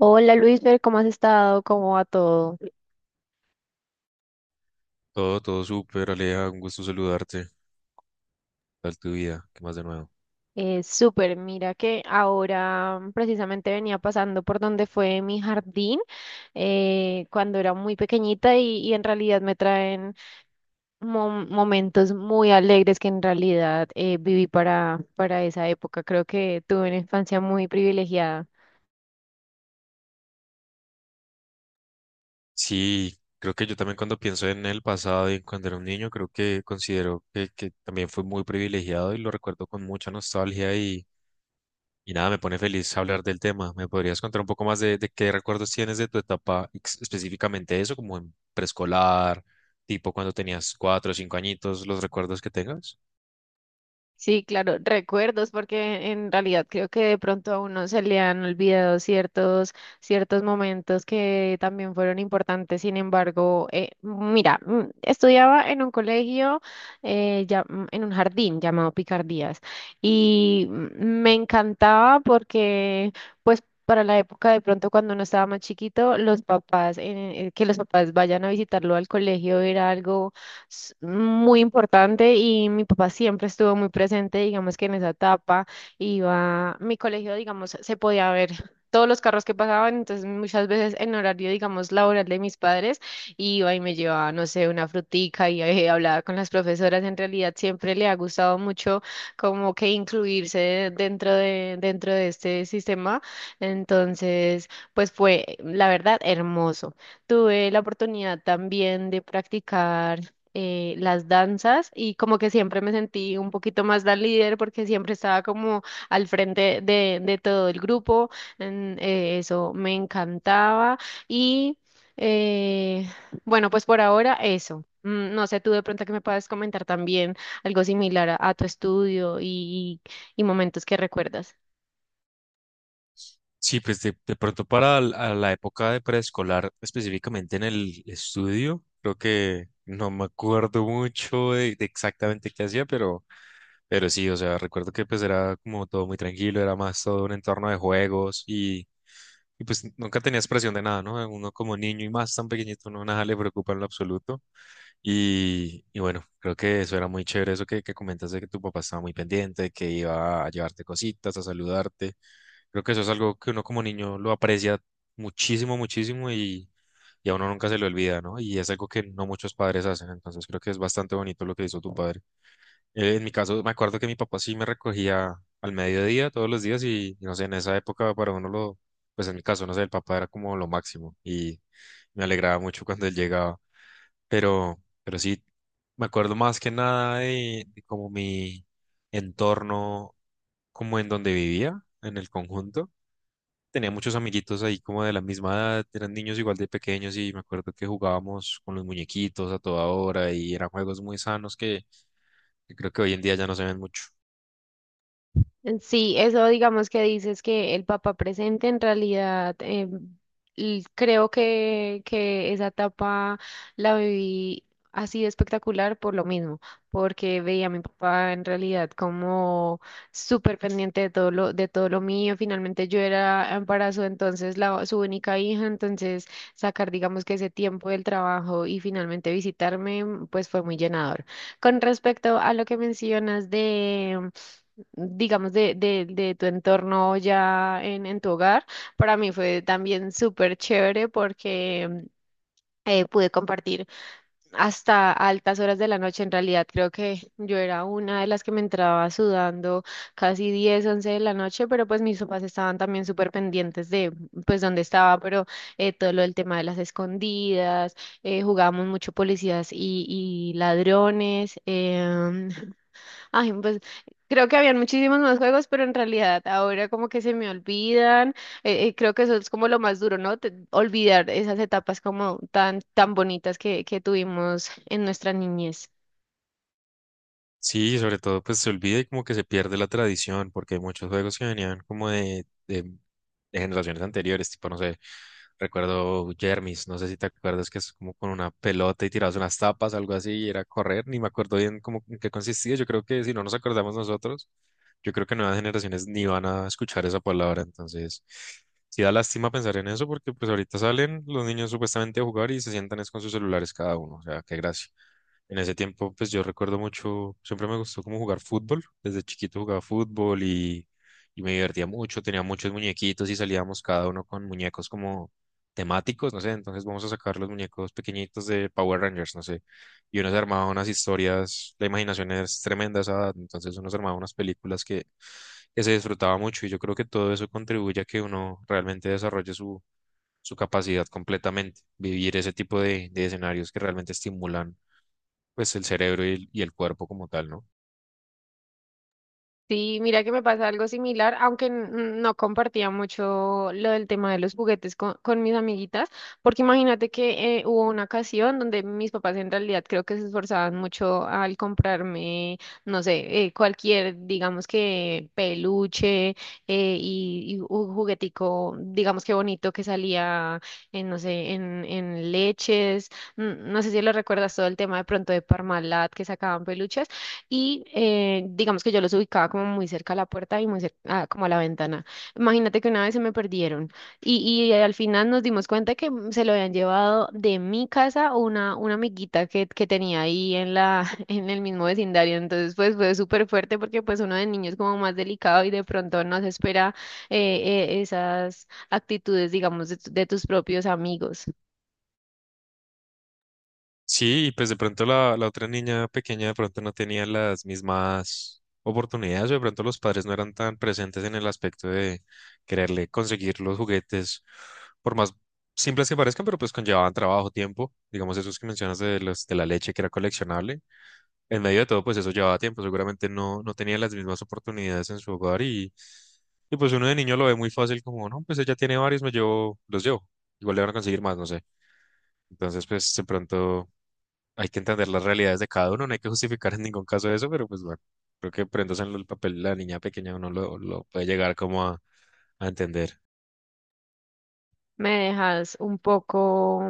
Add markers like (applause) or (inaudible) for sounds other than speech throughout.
Hola Luisfer, ¿cómo has estado? ¿Cómo va todo? Todo, todo súper, Aleja, un gusto saludarte. ¿Qué tal tu vida? ¿Qué más de nuevo? Súper, mira que ahora precisamente venía pasando por donde fue mi jardín cuando era muy pequeñita y en realidad me traen momentos muy alegres que en realidad viví para esa época. Creo que tuve una infancia muy privilegiada. Sí, creo que yo también cuando pienso en el pasado y en cuando era un niño, creo que considero que también fue muy privilegiado y lo recuerdo con mucha nostalgia y nada, me pone feliz hablar del tema. ¿Me podrías contar un poco más de qué recuerdos tienes de tu etapa, específicamente eso, como en preescolar, tipo cuando tenías cuatro o cinco añitos, los recuerdos que tengas? Sí, claro, recuerdos, porque en realidad creo que de pronto a uno se le han olvidado ciertos momentos que también fueron importantes. Sin embargo, mira, estudiaba en un colegio, en un jardín llamado Picardías, y me encantaba porque, pues, para la época de pronto cuando uno estaba más chiquito, los papás, que los papás vayan a visitarlo al colegio era algo muy importante y mi papá siempre estuvo muy presente, digamos que en esa etapa iba, mi colegio, digamos, se podía ver todos los carros que pasaban, entonces muchas veces en horario, digamos, laboral de mis padres, iba y me llevaba, no sé, una frutica y hablaba con las profesoras. En realidad siempre le ha gustado mucho como que incluirse dentro de este sistema. Entonces, pues fue, la verdad, hermoso. Tuve la oportunidad también de practicar las danzas y como que siempre me sentí un poquito más la líder porque siempre estaba como al frente de todo el grupo. Eso me encantaba y eh, bueno, pues por ahora eso. Mm, no sé, tú de pronto que me puedas comentar también algo similar a tu estudio y momentos que recuerdas. Sí, pues de pronto para a la época de preescolar, específicamente en el estudio, creo que no me acuerdo mucho de exactamente qué hacía, pero sí, o sea, recuerdo que pues era como todo muy tranquilo, era más todo un entorno de juegos y pues nunca tenías presión de nada, ¿no? Uno como niño y más tan pequeñito, no nada le preocupa en lo absoluto. Y bueno, creo que eso era muy chévere, eso que comentas de que tu papá estaba muy pendiente, que iba a llevarte cositas, a saludarte. Creo que eso es algo que uno como niño lo aprecia muchísimo, muchísimo y a uno nunca se le olvida, ¿no? Y es algo que no muchos padres hacen, entonces creo que es bastante bonito lo que hizo tu padre. En mi caso, me acuerdo que mi papá sí me recogía al mediodía todos los días y no sé, en esa época para uno lo, pues en mi caso, no sé, el papá era como lo máximo y me alegraba mucho cuando él llegaba, pero sí, me acuerdo más que nada de, de como mi entorno, como en donde vivía, en el conjunto. Tenía muchos amiguitos ahí como de la misma edad, eran niños igual de pequeños y me acuerdo que jugábamos con los muñequitos a toda hora y eran juegos muy sanos que creo que hoy en día ya no se ven mucho. Sí, eso digamos que dices que el papá presente en realidad creo que esa etapa la viví así de espectacular por lo mismo, porque veía a mi papá en realidad como súper pendiente de de todo lo mío. Finalmente yo era embarazo, entonces la, su única hija, entonces sacar digamos que ese tiempo del trabajo y finalmente visitarme pues fue muy llenador. Con respecto a lo que mencionas de digamos, de tu entorno ya en tu hogar. Para mí fue también súper chévere porque pude compartir hasta altas horas de la noche. En realidad, creo que yo era una de las que me entraba sudando casi 10 u 11 de la noche, pero pues mis papás estaban también súper pendientes de, pues, dónde estaba, pero todo lo del tema de las escondidas, jugábamos mucho policías y ladrones. Ay, pues creo que habían muchísimos más juegos, pero en realidad ahora como que se me olvidan. Creo que eso es como lo más duro, ¿no? Olvidar esas etapas como tan bonitas que tuvimos en nuestra niñez. Sí, sobre todo pues se olvida y como que se pierde la tradición, porque hay muchos juegos que venían como de generaciones anteriores, tipo, no sé, recuerdo Jermis, no sé si te acuerdas que es como con una pelota y tirados unas tapas, algo así, y era correr, ni me acuerdo bien cómo en qué consistía, yo creo que si no nos acordamos nosotros, yo creo que nuevas generaciones ni van a escuchar esa palabra, entonces sí da lástima pensar en eso, porque pues ahorita salen los niños supuestamente a jugar y se sientan es con sus celulares cada uno, o sea, qué gracia. En ese tiempo, pues yo recuerdo mucho, siempre me gustó como jugar fútbol. Desde chiquito jugaba fútbol y me divertía mucho. Tenía muchos muñequitos y salíamos cada uno con muñecos como temáticos, no sé. Entonces vamos a sacar los muñecos pequeñitos de Power Rangers, no sé. Y uno se armaba unas historias, la imaginación es tremenda a esa edad. Entonces uno se armaba unas películas que se disfrutaba mucho. Y yo creo que todo eso contribuye a que uno realmente desarrolle su, su capacidad completamente. Vivir ese tipo de escenarios que realmente estimulan pues el cerebro y el cuerpo como tal, ¿no? Sí, mira que me pasa algo similar, aunque no compartía mucho lo del tema de los juguetes con mis amiguitas, porque imagínate que hubo una ocasión donde mis papás en realidad creo que se esforzaban mucho al comprarme, no sé, cualquier, digamos que peluche y un juguetico, digamos que bonito que salía en, no sé, en leches, no sé si lo recuerdas todo el tema de pronto de Parmalat que sacaban peluches. Y digamos que yo los ubicaba como muy cerca a la puerta y muy cerca, ah, como a la ventana. Imagínate que una vez se me perdieron y al final nos dimos cuenta que se lo habían llevado de mi casa una amiguita que tenía ahí en la, (laughs) en el mismo vecindario. Entonces pues fue súper fuerte porque pues uno de niño es como más delicado y de pronto no se espera eh, esas actitudes, digamos, de tus propios amigos. Sí, y pues de pronto la, la otra niña pequeña de pronto no tenía las mismas oportunidades, o de pronto los padres no eran tan presentes en el aspecto de quererle conseguir los juguetes, por más simples que parezcan, pero pues conllevaban trabajo, tiempo, digamos esos que mencionas de los, de la leche que era coleccionable, en medio de todo pues eso llevaba tiempo, seguramente no, no tenía las mismas oportunidades en su hogar y pues uno de niño lo ve muy fácil como, no, pues ella tiene varios, me llevo, los llevo, igual le van a conseguir más, no sé. Entonces, pues de pronto hay que entender las realidades de cada uno, no hay que justificar en ningún caso eso, pero pues bueno, creo que prendas en el papel de la niña pequeña uno lo puede llegar como a entender. Me dejas un poco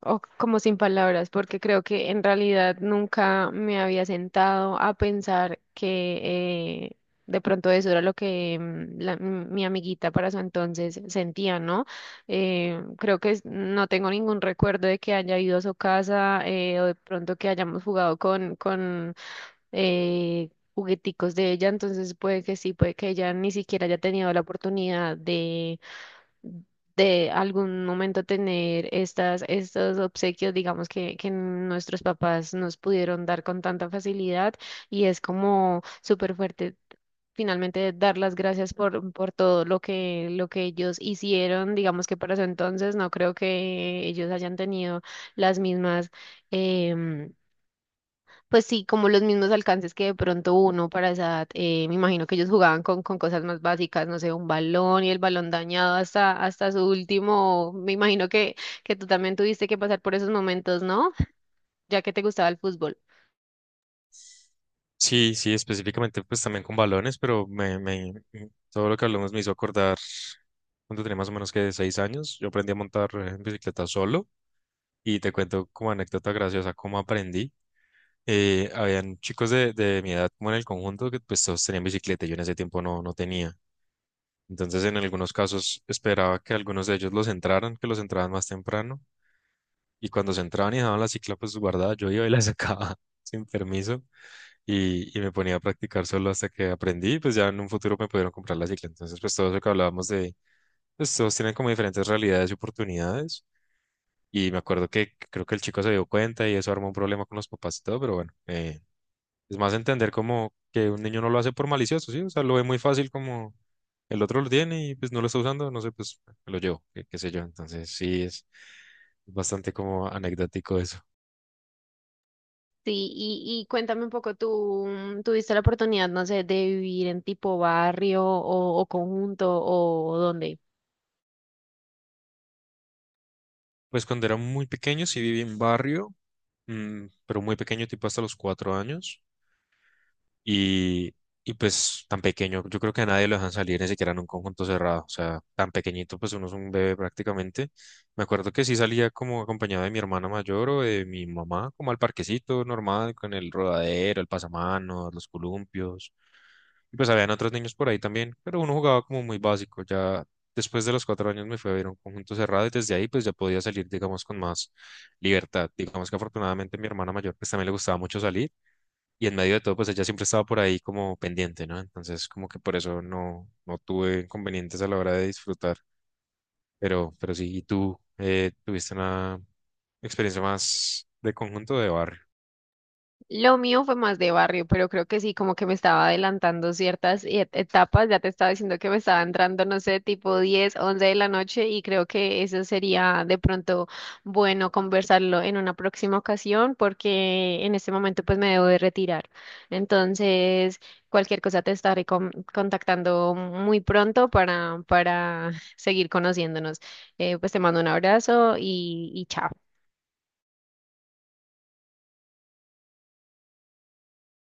o como sin palabras, porque creo que en realidad nunca me había sentado a pensar que de pronto eso era lo que mi amiguita para su entonces sentía, ¿no? Creo que no tengo ningún recuerdo de que haya ido a su casa o de pronto que hayamos jugado con eh, jugueticos de ella, entonces puede que sí, puede que ella ni siquiera haya tenido la oportunidad de algún momento tener estos obsequios, digamos, que nuestros papás nos pudieron dar con tanta facilidad y es como súper fuerte. Finalmente, dar las gracias por todo lo que ellos hicieron. Digamos que para ese entonces no creo que ellos hayan tenido las mismas, em, pues sí, como los mismos alcances que de pronto uno para esa edad, me imagino que ellos jugaban con cosas más básicas, no sé, un balón y el balón dañado hasta su último, me imagino que tú también tuviste que pasar por esos momentos, ¿no? Ya que te gustaba el fútbol. Sí, sí, específicamente pues también con balones, pero me, todo lo que hablamos me hizo acordar cuando tenía más o menos que 6 años, yo aprendí a montar en bicicleta solo y te cuento como anécdota graciosa cómo aprendí. Habían chicos de mi edad como en el conjunto que pues todos tenían bicicleta, yo en ese tiempo no, no tenía. Entonces, en algunos casos esperaba que algunos de ellos los entraran, que los entraran más temprano. Y cuando se entraban y dejaban la cicla pues guardada, yo iba y la sacaba (laughs) sin permiso y me ponía a practicar solo hasta que aprendí. Pues ya en un futuro me pudieron comprar la cicla. Entonces, pues todo eso que hablábamos de, pues todos tienen como diferentes realidades y oportunidades. Y me acuerdo que creo que el chico se dio cuenta y eso armó un problema con los papás y todo, pero bueno, es más entender como que un niño no lo hace por malicioso, ¿sí? O sea, lo ve muy fácil como el otro lo tiene y pues no lo está usando, no sé, pues me lo llevo, qué, qué sé yo. Entonces sí, es bastante como anecdótico eso. Sí, y cuéntame un poco, ¿tú tuviste la oportunidad, no sé, de vivir en tipo barrio o conjunto o dónde? Pues cuando era muy pequeño sí viví en barrio, mm, pero muy pequeño, tipo hasta los 4 años. Y, y pues tan pequeño, yo creo que a nadie lo dejan salir ni siquiera en un conjunto cerrado, o sea, tan pequeñito, pues uno es un bebé prácticamente. Me acuerdo que sí salía como acompañado de mi hermana mayor o de mi mamá, como al parquecito normal, con el rodadero, el pasamanos, los columpios. Y pues habían otros niños por ahí también, pero uno jugaba como muy básico. Ya después de los 4 años me fui a ver un conjunto cerrado y desde ahí pues ya podía salir, digamos, con más libertad. Digamos que afortunadamente mi hermana mayor pues también le gustaba mucho salir y en medio de todo, pues ella siempre estaba por ahí como pendiente, ¿no? Entonces, como que por eso no, no tuve inconvenientes a la hora de disfrutar. Pero sí, ¿y tú tuviste una experiencia más de conjunto o de barrio? Lo mío fue más de barrio, pero creo que sí, como que me estaba adelantando ciertas etapas. Ya te estaba diciendo que me estaba entrando, no sé, tipo 10, 11 de la noche y creo que eso sería de pronto bueno conversarlo en una próxima ocasión porque en este momento pues me debo de retirar. Entonces, cualquier cosa te estaré contactando muy pronto para (laughs) seguir conociéndonos. Pues te mando un abrazo y chao.